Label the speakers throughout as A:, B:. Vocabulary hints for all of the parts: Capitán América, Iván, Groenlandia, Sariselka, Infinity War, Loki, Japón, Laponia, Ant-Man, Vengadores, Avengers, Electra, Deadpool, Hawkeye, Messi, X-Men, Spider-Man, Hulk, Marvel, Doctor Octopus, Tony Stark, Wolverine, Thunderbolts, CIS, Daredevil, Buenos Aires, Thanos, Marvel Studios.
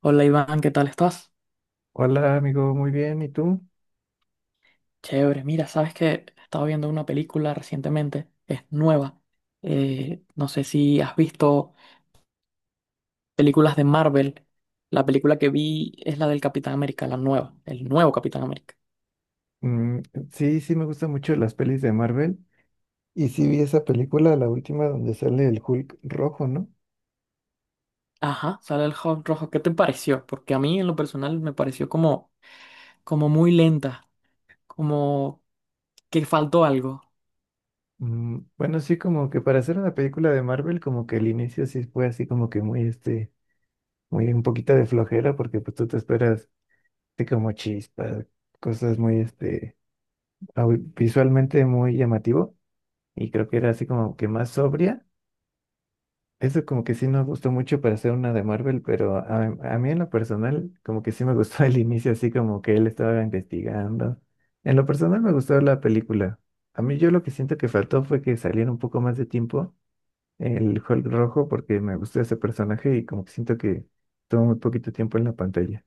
A: Hola Iván, ¿qué tal estás?
B: Hola amigo, muy bien, ¿y tú?
A: Chévere, mira, sabes que estaba viendo una película recientemente, es nueva. No sé si has visto películas de Marvel. La película que vi es la del Capitán América, la nueva, el nuevo Capitán América.
B: Mm, sí me gustan mucho las pelis de Marvel. Y sí vi esa película, la última, donde sale el Hulk rojo, ¿no?
A: Ajá, sale el Hulk rojo. ¿Qué te pareció? Porque a mí en lo personal me pareció como, como muy lenta, como que faltó algo.
B: Mm, bueno, sí, como que para hacer una película de Marvel, como que el inicio sí fue así como que muy, muy un poquito de flojera, porque pues tú te esperas así como chispas, cosas muy, visualmente muy llamativo. Y creo que era así como que más sobria. Eso como que sí no gustó mucho para hacer una de Marvel, pero a mí en lo personal como que sí me gustó el inicio, así como que él estaba investigando. En lo personal me gustó la película. A mí yo lo que siento que faltó fue que saliera un poco más de tiempo el Hulk rojo porque me gustó ese personaje y como que siento que tomó muy poquito tiempo en la pantalla.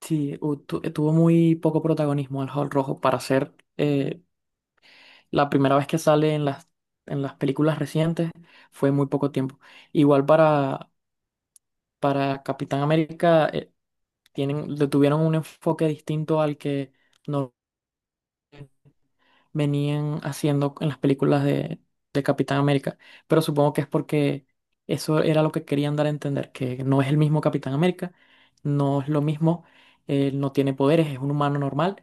A: Sí, tuvo muy poco protagonismo el Hulk rojo para ser la primera vez que sale en las películas recientes fue muy poco tiempo. Igual para Capitán América, tienen, le tuvieron un enfoque distinto al que no venían haciendo en las películas de Capitán América. Pero supongo que es porque eso era lo que querían dar a entender, que no es el mismo Capitán América, no es lo mismo, él no tiene poderes, es un humano normal.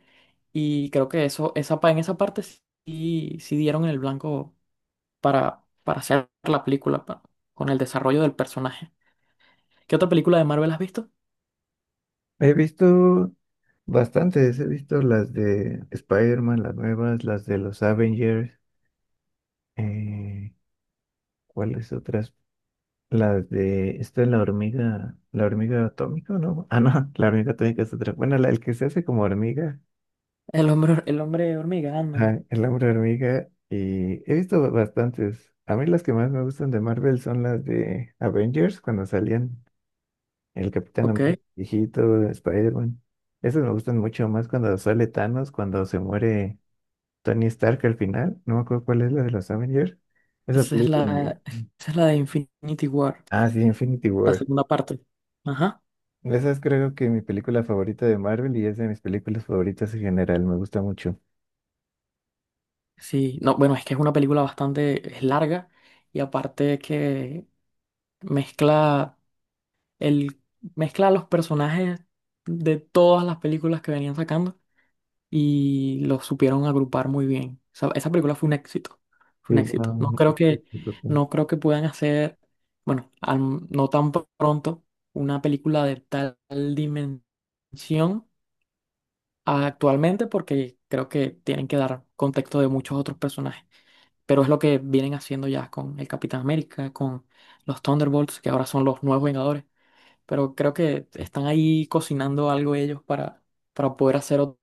A: Y creo que en esa parte sí, sí dieron en el blanco para hacer la película, con el desarrollo del personaje. ¿Qué otra película de Marvel has visto?
B: He visto bastantes, he visto las de Spider-Man, las nuevas, las de los Avengers, eh, ¿cuáles otras? Las de, esta es la hormiga atómica, ¿no? Ah, no, la hormiga atómica es otra. Bueno, la, el que se hace como hormiga,
A: El hombre hormiga, Ant-Man.
B: ajá, el hombre hormiga, y he visto bastantes. A mí las que más me gustan de Marvel son las de Avengers, cuando salían el Capitán
A: Ok,
B: América, viejito, Spider-Man. Esas me gustan mucho más cuando sale Thanos, cuando se muere Tony Stark al final. No me acuerdo cuál es la de los Avengers. Esa
A: esa es
B: película me-
A: la, esa es la de Infinity War,
B: Ah, sí, Infinity
A: la
B: War.
A: segunda parte. Ajá.
B: Esa es creo que mi película favorita de Marvel y es de mis películas favoritas en general, me gusta mucho.
A: Sí, no, bueno, es que es una película bastante, es larga y aparte que mezcla el, mezcla los personajes de todas las películas que venían sacando y lo supieron agrupar muy bien. O sea, esa película fue un éxito, fue
B: Y,
A: un éxito.
B: um, este, pues,
A: No creo que puedan hacer, bueno, no tan pronto una película de tal dimensión actualmente porque creo que tienen que dar contexto de muchos otros personajes. Pero es lo que vienen haciendo ya con el Capitán América, con los Thunderbolts, que ahora son los nuevos Vengadores. Pero creo que están ahí cocinando algo ellos para poder hacer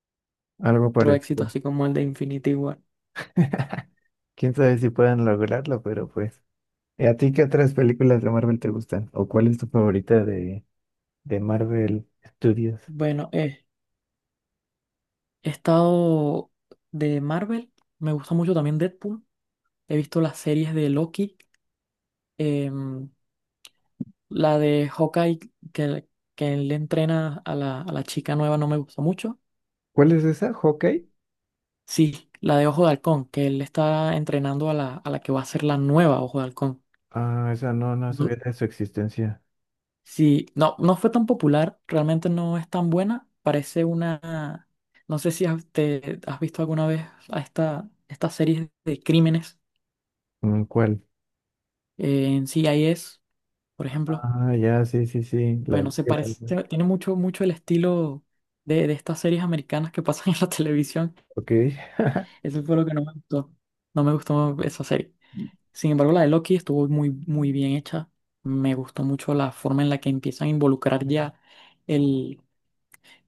B: algo
A: otro éxito
B: parecido.
A: así como el de Infinity War.
B: Quién sabe si puedan lograrlo, pero pues. ¿Y a ti qué otras películas de Marvel te gustan? ¿O cuál es tu favorita de Marvel Studios?
A: Bueno, he estado de Marvel, me gusta mucho también Deadpool, he visto las series de Loki, em, la de Hawkeye que, que él le entrena a a la chica nueva no me gustó mucho.
B: ¿Cuál es esa? ¿Hawkeye?
A: Sí, la de Ojo de Halcón, que él está entrenando a a la que va a ser la nueva Ojo de Halcón.
B: Ah, esa no, no sabía
A: No-
B: de su existencia.
A: Sí, no, no fue tan popular, realmente no es tan buena, parece una... No sé si has visto alguna vez a estas series de crímenes,
B: Mm, ¿cuál?
A: en CIS. Por ejemplo,
B: Ah, ya, sí, sí, sí. La,
A: bueno, se
B: el
A: parece,
B: alma.
A: tiene mucho el estilo de estas series americanas que pasan en la televisión.
B: Ok.
A: Eso fue lo que no me gustó. No me gustó esa serie. Sin embargo, la de Loki estuvo muy bien hecha. Me gustó mucho la forma en la que empiezan a involucrar ya el,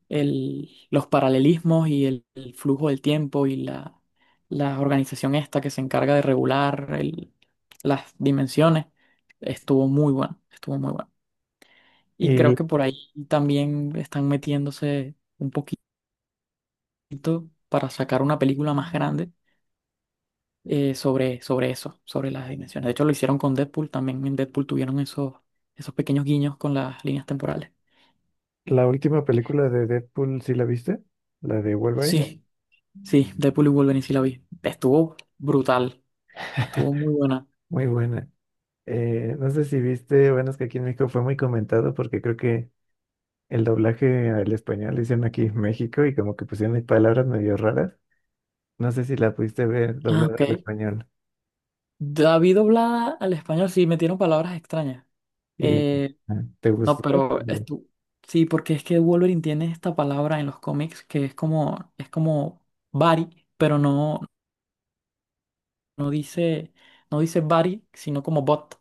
A: los paralelismos y el flujo del tiempo y la organización esta que se encarga de regular las dimensiones. Estuvo muy bueno, estuvo muy bueno. Y creo
B: ¿Y
A: que por ahí también están metiéndose un poquito para sacar una película más grande, sobre, sobre eso, sobre las dimensiones. De hecho, lo hicieron con Deadpool, también en Deadpool tuvieron esos pequeños guiños con las líneas temporales.
B: la última película de Deadpool, sí la viste? ¿La de Wolverine?
A: Sí, sí, Deadpool y Wolverine sí la vi. Estuvo brutal, estuvo muy buena.
B: Muy buena. No sé si viste, bueno, es que aquí en México fue muy comentado porque creo que el doblaje al español lo hicieron aquí en México y como que pusieron ahí palabras medio raras. No sé si la pudiste ver
A: Ah,
B: doblada al
A: ok.
B: español.
A: David doblada al español, sí, metieron palabras extrañas.
B: ¿Y
A: Eh,
B: ah, te
A: No,
B: gustó?
A: pero
B: Pero,
A: esto, sí, porque es que Wolverine tiene esta palabra en los cómics que es como buddy, pero no, no dice, no dice buddy, sino como bot,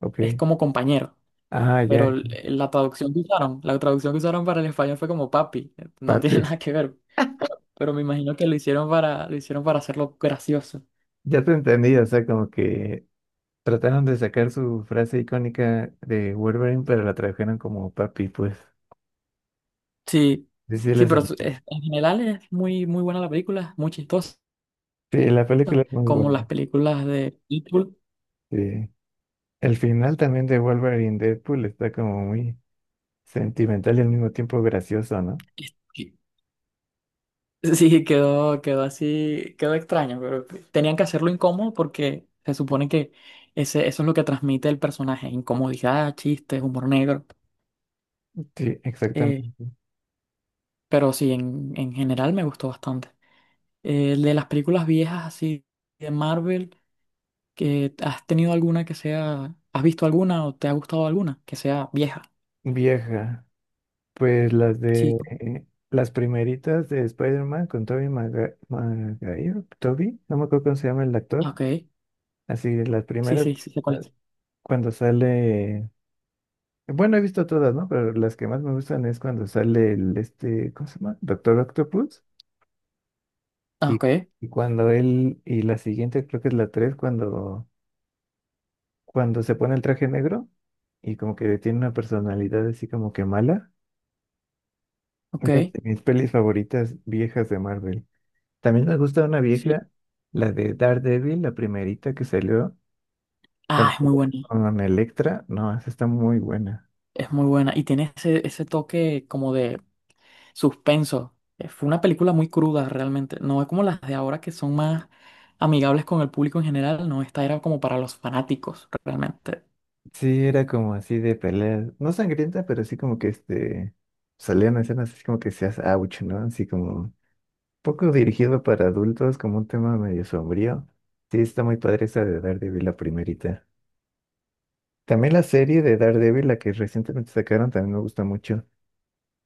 B: ok.
A: es como compañero.
B: Ah,
A: Pero
B: ya.
A: la traducción que usaron para el español fue como papi, no
B: pa-
A: tiene nada que ver. Pero me imagino que lo hicieron lo hicieron para hacerlo gracioso.
B: Ya te entendí, o sea, como que trataron de sacar su frase icónica de Wolverine, pero la trajeron como papi, pues.
A: Sí,
B: Sí, sí,
A: sí,
B: le
A: pero
B: salió.
A: en general es muy buena la película, muy chistosa,
B: Sí, la película es muy
A: como las
B: buena.
A: películas de Deadpool.
B: Sí. El final también de Wolverine Deadpool está como muy sentimental y al mismo tiempo gracioso, ¿no?
A: Sí, quedó extraño, pero tenían que hacerlo incómodo porque se supone que eso es lo que transmite el personaje, incomodidad, chistes, humor negro.
B: Sí,
A: Eh,
B: exactamente.
A: pero sí, en general me gustó bastante. De las películas viejas así de Marvel, ¿que has tenido alguna que sea, has visto alguna o te ha gustado alguna que sea vieja?
B: Vieja. Pues las
A: Sí,
B: de las primeritas de Spider-Man con Tobey Maguire, Tobey, no me acuerdo cómo se llama el
A: ah,
B: actor.
A: ok,
B: Así, las
A: sí,
B: primeras,
A: sí, sí, sé cuál
B: la-
A: es.
B: cuando sale. Bueno, he visto todas, ¿no? Pero las que más me gustan es cuando sale el este, ¿cómo se llama? Doctor Octopus.
A: Ah,
B: Y,
A: ok,
B: y cuando él, y la siguiente creo que es la 3 cuando cuando se pone el traje negro y como que tiene una personalidad así como que mala.
A: ok,
B: Es una de mis pelis favoritas viejas de Marvel. También me gusta una
A: sí.
B: vieja, la de Daredevil, la primerita que salió
A: Ah,
B: cuando
A: es muy
B: pelea
A: buena,
B: con Electra. No, esa está muy buena.
A: es muy buena. Y tiene ese toque como de suspenso. Fue una película muy cruda realmente. No es como las de ahora que son más amigables con el público en general. No, esta era como para los fanáticos realmente.
B: Sí, era como así de pelea, no sangrienta, pero así como que salían escenas así como que seas ouch, ¿no? Así como poco dirigido para adultos, como un tema medio sombrío. Sí, está muy padre esa de Daredevil, la primerita. También la serie de Daredevil, la que recientemente sacaron, también me gusta mucho.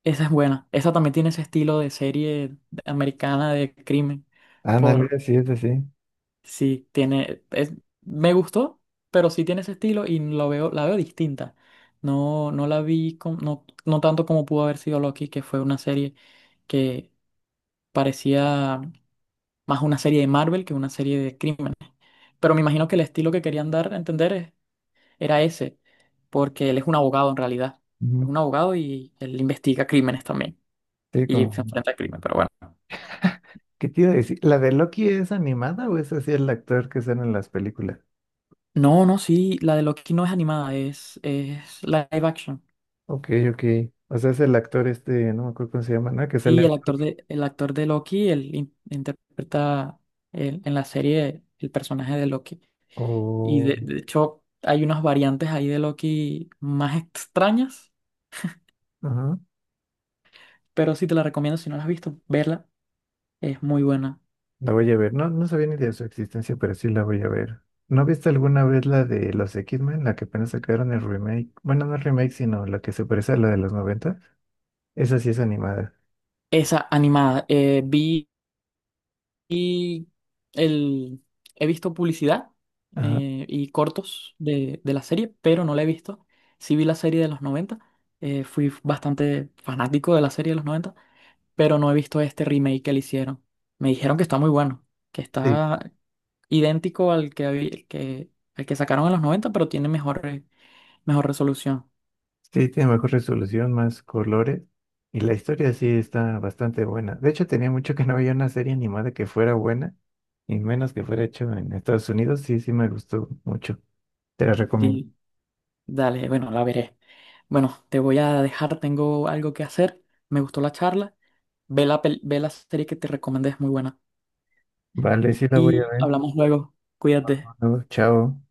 A: Esa es buena. Esa también tiene ese estilo de serie americana de crimen. Por
B: Ándale, sí, es así.
A: sí, tiene. Me gustó, pero sí tiene ese estilo y la veo distinta. No, no la vi no, no tanto como pudo haber sido Loki, que fue una serie que parecía más una serie de Marvel que una serie de crimen. Pero me imagino que el estilo que querían dar a entender era ese, porque él es un abogado en realidad.
B: Ujú.
A: Es un abogado y él investiga crímenes también.
B: Sí,
A: Y se
B: como,
A: enfrenta al crimen, pero bueno.
B: ¿qué te iba a decir? ¿La de Loki es animada o es así el actor que sale en las películas?
A: No, no, sí, la de Loki no es animada, es live action.
B: Ok, ok. O sea, es el actor este, no me acuerdo cómo se llama, ¿no? Que
A: Y
B: sale.
A: el actor el actor de Loki, él interpreta en la serie el personaje de Loki. Y
B: Oh,
A: de hecho hay unas variantes ahí de Loki más extrañas,
B: ajá.
A: pero sí te la recomiendo si no la has visto, verla, es muy buena.
B: La voy a ver. No, no sabía ni de su existencia, pero sí la voy a ver. ¿No viste alguna vez la de los X-Men, la que apenas sacaron el remake? Bueno, no el remake, sino la que se parece a la de los noventa. Esa sí es animada.
A: Esa animada. Vi el, he visto publicidad,
B: Ajá.
A: y cortos de la serie, pero no la he visto. Sí vi la serie de los noventa, fui bastante fanático de la serie de los 90 pero no he visto este remake que le hicieron. Me dijeron que está muy bueno, que
B: Sí.
A: está idéntico al que, habí- el que, al que sacaron en los 90 pero tiene mejor resolución.
B: Sí, tiene mejor resolución, más colores. Y la historia sí está bastante buena. De hecho, tenía mucho que no había una serie animada que fuera buena. Y menos que fuera hecho en Estados Unidos. Sí, sí me gustó mucho. Te la recomiendo.
A: Sí, dale, bueno, la veré. Bueno, te voy a dejar, tengo algo que hacer. Me gustó la charla. Ve ve la serie que te recomendé, es muy buena.
B: Vale, sí la voy a
A: Y
B: ver.
A: hablamos luego. Cuídate.
B: Bueno, chao.